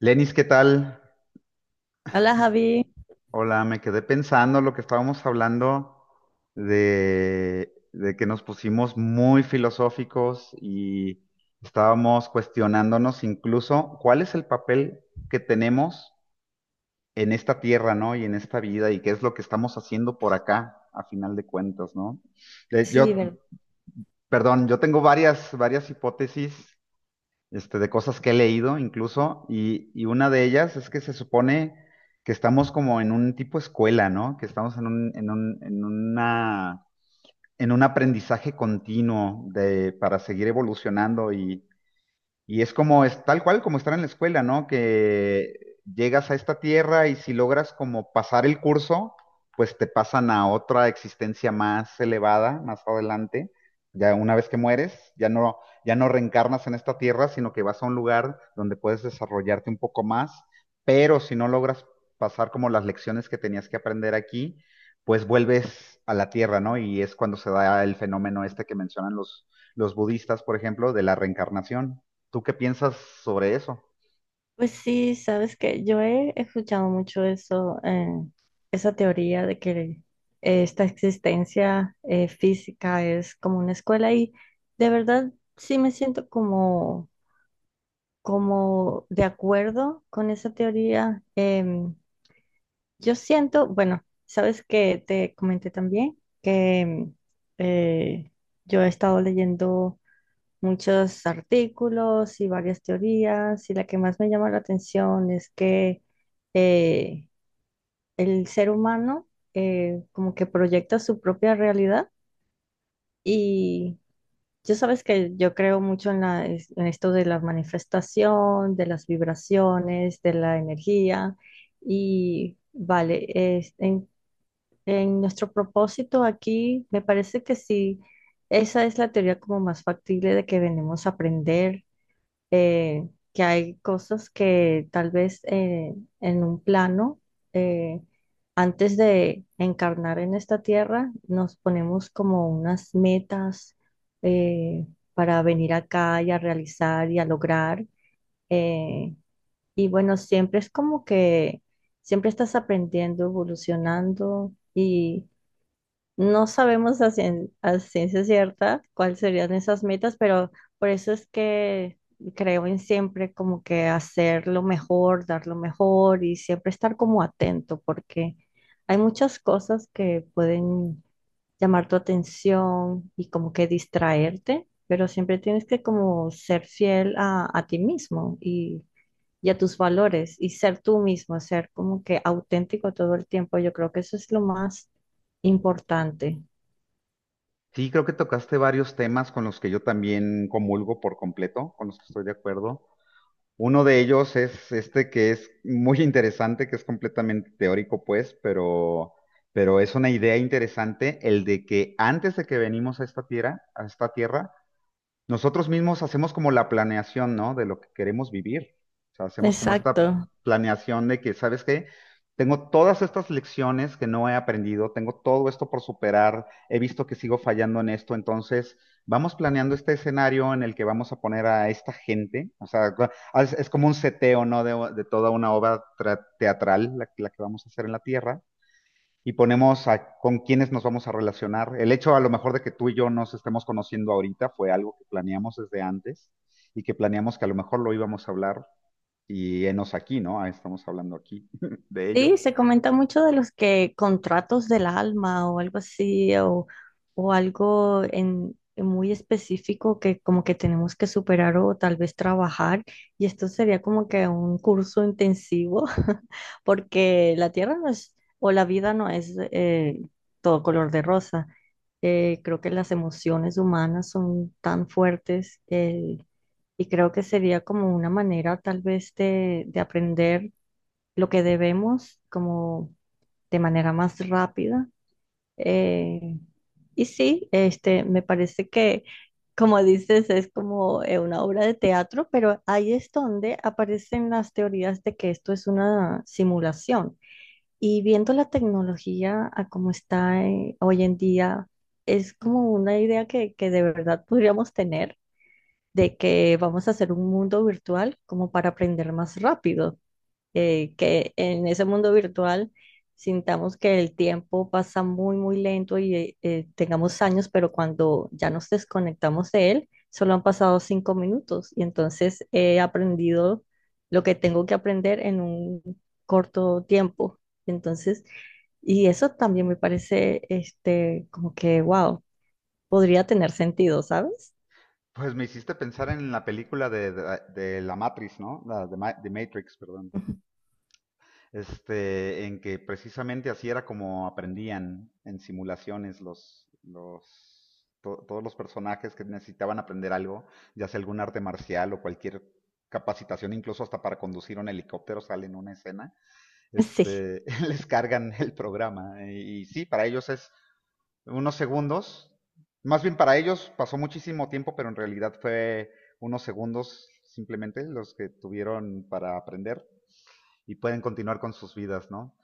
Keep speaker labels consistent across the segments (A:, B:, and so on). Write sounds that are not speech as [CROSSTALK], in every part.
A: Lenis, ¿qué tal?
B: Hola Javi,
A: Hola, me quedé pensando lo que estábamos hablando de que nos pusimos muy filosóficos y estábamos cuestionándonos incluso cuál es el papel que tenemos en esta tierra, ¿no? Y en esta vida y qué es lo que estamos haciendo por acá, a final de cuentas, ¿no? Eh, Yo,
B: sí, ver-
A: perdón, yo tengo varias hipótesis de cosas que he leído incluso, y una de ellas es que se supone que estamos como en un tipo escuela, ¿no? Que estamos en un aprendizaje continuo de, para seguir evolucionando y es como, es tal cual como estar en la escuela, ¿no? Que llegas a esta tierra y si logras como pasar el curso, pues te pasan a otra existencia más elevada, más adelante. Ya una vez que mueres, ya no reencarnas en esta tierra, sino que vas a un lugar donde puedes desarrollarte un poco más. Pero si no logras pasar como las lecciones que tenías que aprender aquí, pues vuelves a la tierra, ¿no? Y es cuando se da el fenómeno este que mencionan los budistas, por ejemplo, de la reencarnación. ¿Tú qué piensas sobre eso?
B: pues sí, sabes que yo he escuchado mucho eso, esa teoría de que esta existencia física es como una escuela y de verdad sí me siento como, como de acuerdo con esa teoría. Yo siento, bueno, sabes que te comenté también que eh, yo he estado leyendo muchos artículos y varias teorías, y la que más me llama la atención es que eh, el ser humano como que proyecta su propia realidad y yo sabes que yo creo mucho en la, en esto de la manifestación, de las vibraciones, de la energía y vale, es- en, en nuestro propósito aquí me parece que sí, esa es la teoría como más factible de que venimos a aprender, eh, que hay cosas que tal vez en un plano, eh, antes de encarnar en esta tierra, nos ponemos como unas metas eh, para venir acá y a realizar y a lograr. eh, y bueno, siempre es como que siempre estás aprendiendo, evolucionando y no sabemos a ciencia cierta cuáles serían esas metas, pero por eso es que creo en siempre como que hacer lo mejor, dar lo mejor y siempre estar como atento, porque hay muchas cosas que pueden llamar tu atención y como que distraerte, pero siempre tienes que como ser fiel a ti mismo y a tus valores y ser tú mismo, ser como que auténtico todo el tiempo. Yo creo que eso es lo más importante.
A: Sí, creo que tocaste varios temas con los que yo también comulgo por completo, con los que estoy de acuerdo. Uno de ellos es este que es muy [LAUGHS] interesante, que es completamente teórico, pues, pero es una idea interesante, el de que antes de que venimos a esta tierra, nosotros mismos hacemos como la planeación, ¿no? De lo que queremos vivir. O sea, hacemos como esta
B: Exacto.
A: planeación de que, ¿sabes qué? Tengo todas estas lecciones que no he aprendido, tengo todo esto por superar, he visto que sigo fallando en esto, entonces vamos planeando este escenario en el que vamos a poner a esta gente, o sea, es como un seteo, ¿no? De toda una obra teatral, la que vamos a hacer en la Tierra y ponemos a, con quiénes nos vamos a relacionar. El hecho a lo mejor de que tú y yo nos estemos conociendo ahorita fue algo que planeamos desde antes y que planeamos que a lo mejor lo íbamos a hablar y enos aquí, ¿no? Ah, estamos hablando aquí [LAUGHS] de ello.
B: Sí, se comenta mucho de los que contratos del alma o algo así, o algo en muy específico que como que tenemos que superar o tal vez trabajar. Y esto sería como que un curso intensivo, [LAUGHS] porque la tierra no es, o la vida no es todo color de rosa. Creo que las emociones humanas son tan fuertes y creo que sería como una manera tal vez de aprender lo que debemos como de manera más rápida. Eh, y sí, este, me parece que, como dices, es como una obra de teatro, pero ahí es donde aparecen las teorías de que esto es una simulación. Y viendo la tecnología a cómo está hoy en día, es como una idea que de verdad podríamos tener de que vamos a hacer un mundo virtual como para aprender más rápido, que en ese mundo virtual sintamos que el tiempo pasa muy, muy lento y tengamos años, pero cuando ya nos desconectamos de él, solo han pasado 5 minutos y entonces he aprendido lo que tengo que aprender en un corto tiempo. Entonces, y eso también me parece, este, como que, wow, podría tener sentido, ¿sabes?
A: Pues me hiciste pensar en la película de la Matrix, ¿no? La de, de Matrix, perdón.
B: [LAUGHS]
A: En que precisamente así era como aprendían en simulaciones todos los personajes que necesitaban aprender algo, ya sea algún arte marcial o cualquier capacitación, incluso hasta para conducir un helicóptero sale en una escena,
B: Sí.
A: este, [LAUGHS] les cargan el programa. Y sí, para ellos es unos segundos, más bien para ellos pasó muchísimo tiempo, pero en realidad fue unos segundos simplemente los que tuvieron para aprender y pueden continuar con sus vidas, ¿no?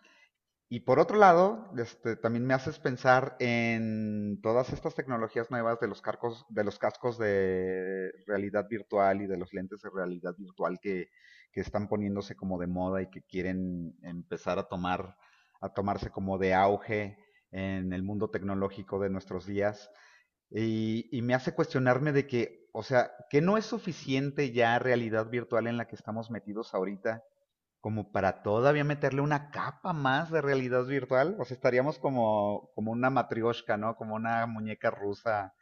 A: Y por otro lado, también me haces pensar en todas estas tecnologías nuevas de los carcos, de los cascos de realidad virtual y de los lentes de realidad virtual que están poniéndose como de moda y que quieren empezar a a tomarse como de auge en el mundo tecnológico de nuestros días. Y me hace cuestionarme de que, o sea, que no es suficiente ya realidad virtual en la que estamos metidos ahorita como para todavía meterle una capa más de realidad virtual. O sea, estaríamos como, como una matrioshka, ¿no? Como una muñeca rusa,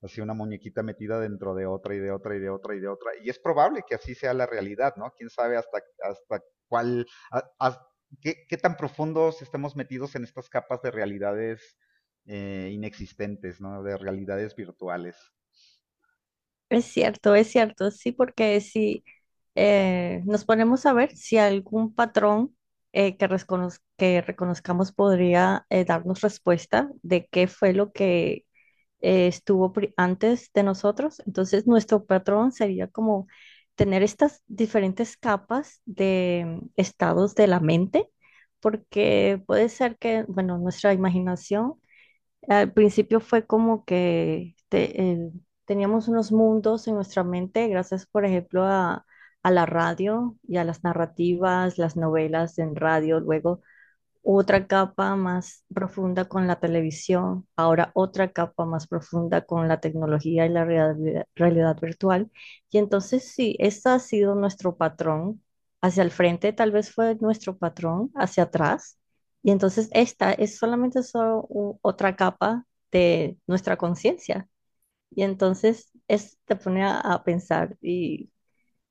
A: así una muñequita metida dentro de otra y de otra y de otra y de otra. Y es probable que así sea la realidad, ¿no? Quién sabe hasta cuál, a- a- qué tan profundos estemos metidos en estas capas de realidades inexistentes, ¿no? De realidades virtuales.
B: Es cierto, sí, porque si nos ponemos a ver si algún patrón que reconozcamos podría darnos respuesta de qué fue lo que antes de nosotros, entonces nuestro patrón sería como tener estas diferentes capas de estados de la mente, porque puede ser que, bueno, nuestra imaginación al principio fue como que este, teníamos unos mundos en nuestra mente, gracias, por ejemplo, a la radio y a las narrativas, las novelas en radio. Luego otra capa más profunda con la televisión, ahora otra capa más profunda con la tecnología y la realidad virtual. Y entonces sí, ese ha sido nuestro patrón. Hacia el frente tal vez fue nuestro patrón, hacia atrás. Y entonces esta es solamente otra capa de nuestra conciencia. Y entonces es, te pone a pensar y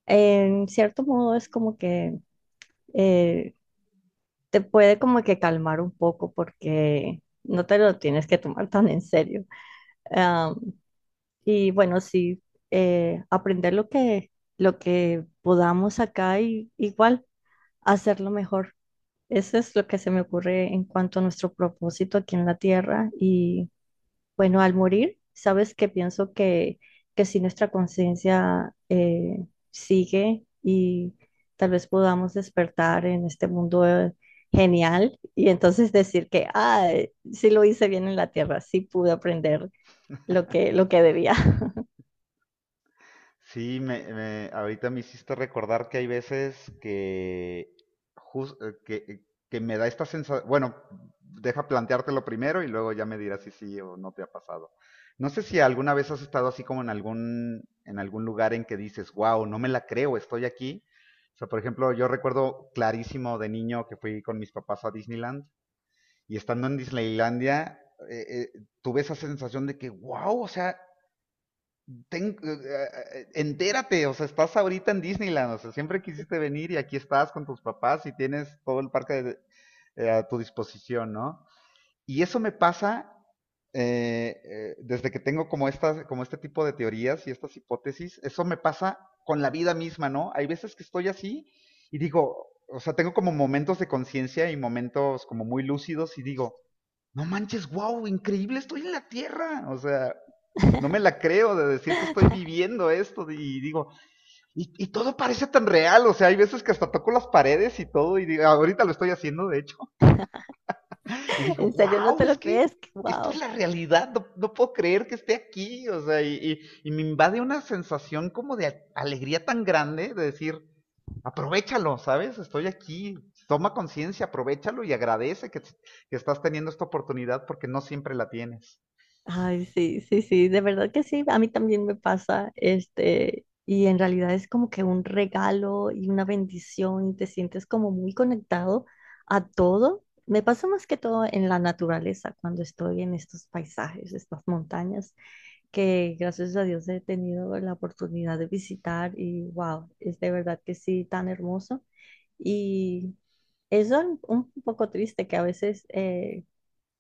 B: en cierto modo es como que eh, te puede como que calmar un poco porque no te lo tienes que tomar [LAUGHS] tan en serio. Am, y bueno, sí, aprender lo que podamos acá y igual hacerlo mejor. Eso es lo que se me ocurre en cuanto a nuestro propósito aquí en la Tierra y bueno, al morir, sabes que pienso que si nuestra conciencia sigue y tal vez podamos despertar en este mundo genial y entonces decir que, ah, sí lo hice bien en la tierra, sí pude aprender lo que debía.
A: Sí, ahorita me hiciste recordar que hay veces que, jus- eh, que, que me da esta sensación, bueno, deja planteártelo primero y luego ya me dirás si sí o no te ha pasado. No sé si alguna vez has estado así como en algún lugar en que dices, wow, no me la creo, estoy aquí. O sea, por ejemplo, yo recuerdo clarísimo de niño que fui con mis papás a Disneyland y estando en Disneylandia, eh, tuve esa sensación de que, wow, o sea, ten- eh, entérate, o sea, estás ahorita en Disneyland, o sea, siempre quisiste venir y aquí estás con tus papás y tienes todo el parque a tu disposición, ¿no? Y eso me pasa desde que tengo como, estas, como este tipo de teorías y estas hipótesis, eso me pasa con la vida misma, ¿no? Hay veces que estoy así y digo, o sea, tengo como momentos de conciencia y momentos como muy lúcidos y digo, no manches, wow, increíble, estoy en la Tierra. O sea, no me la creo de decir que estoy
B: [LAUGHS]
A: viviendo esto y digo, y todo parece tan real, o sea, hay veces que hasta toco las paredes y todo y digo, ahorita lo estoy haciendo, de hecho, y digo,
B: En serio, ¿no
A: wow,
B: te
A: es
B: lo
A: que
B: crees?
A: esto es
B: Wow.
A: la realidad, no, no puedo creer que esté aquí, o sea, y me invade una sensación como de alegría tan grande de decir, aprovechalo, ¿sabes? Estoy aquí, toma conciencia, aprovechalo y agradece que estás teniendo esta oportunidad porque no siempre la tienes.
B: Ay, sí, sí, sí, de verdad que sí, a mí también me pasa, este, y en realidad es como que un regalo y una bendición, y te sientes como muy conectado a todo. Me pasa más que todo en la naturaleza, cuando estoy en estos paisajes, estas montañas, que gracias a Dios he tenido la oportunidad de visitar y wow, es de verdad que sí, tan hermoso. Y es un poco triste que a veces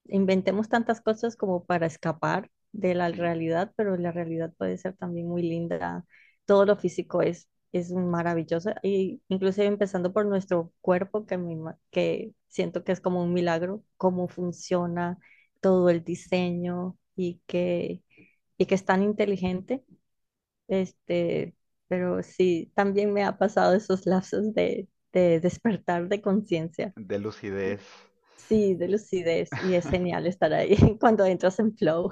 B: inventemos tantas cosas como para escapar de la
A: Sí,
B: realidad, pero la realidad puede ser también muy linda. Todo lo físico es maravilloso, y inclusive empezando por nuestro cuerpo, que, que siento que es como un milagro, cómo funciona todo el diseño y que es tan inteligente. Este, pero sí, también me ha pasado esos lapsos de despertar de conciencia.
A: de lucidez.
B: Sí, de lucidez y es genial estar ahí [LAUGHS] cuando entras en flow.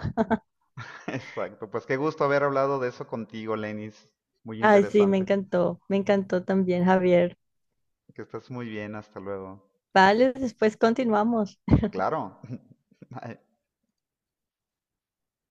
A: [LAUGHS] Exacto, pues qué gusto haber hablado de eso contigo, Lenis. Muy
B: Ay, sí,
A: interesante.
B: me encantó también, Javier.
A: Que estés muy bien, hasta luego.
B: Vale, después continuamos.
A: Claro. [LAUGHS] Bye.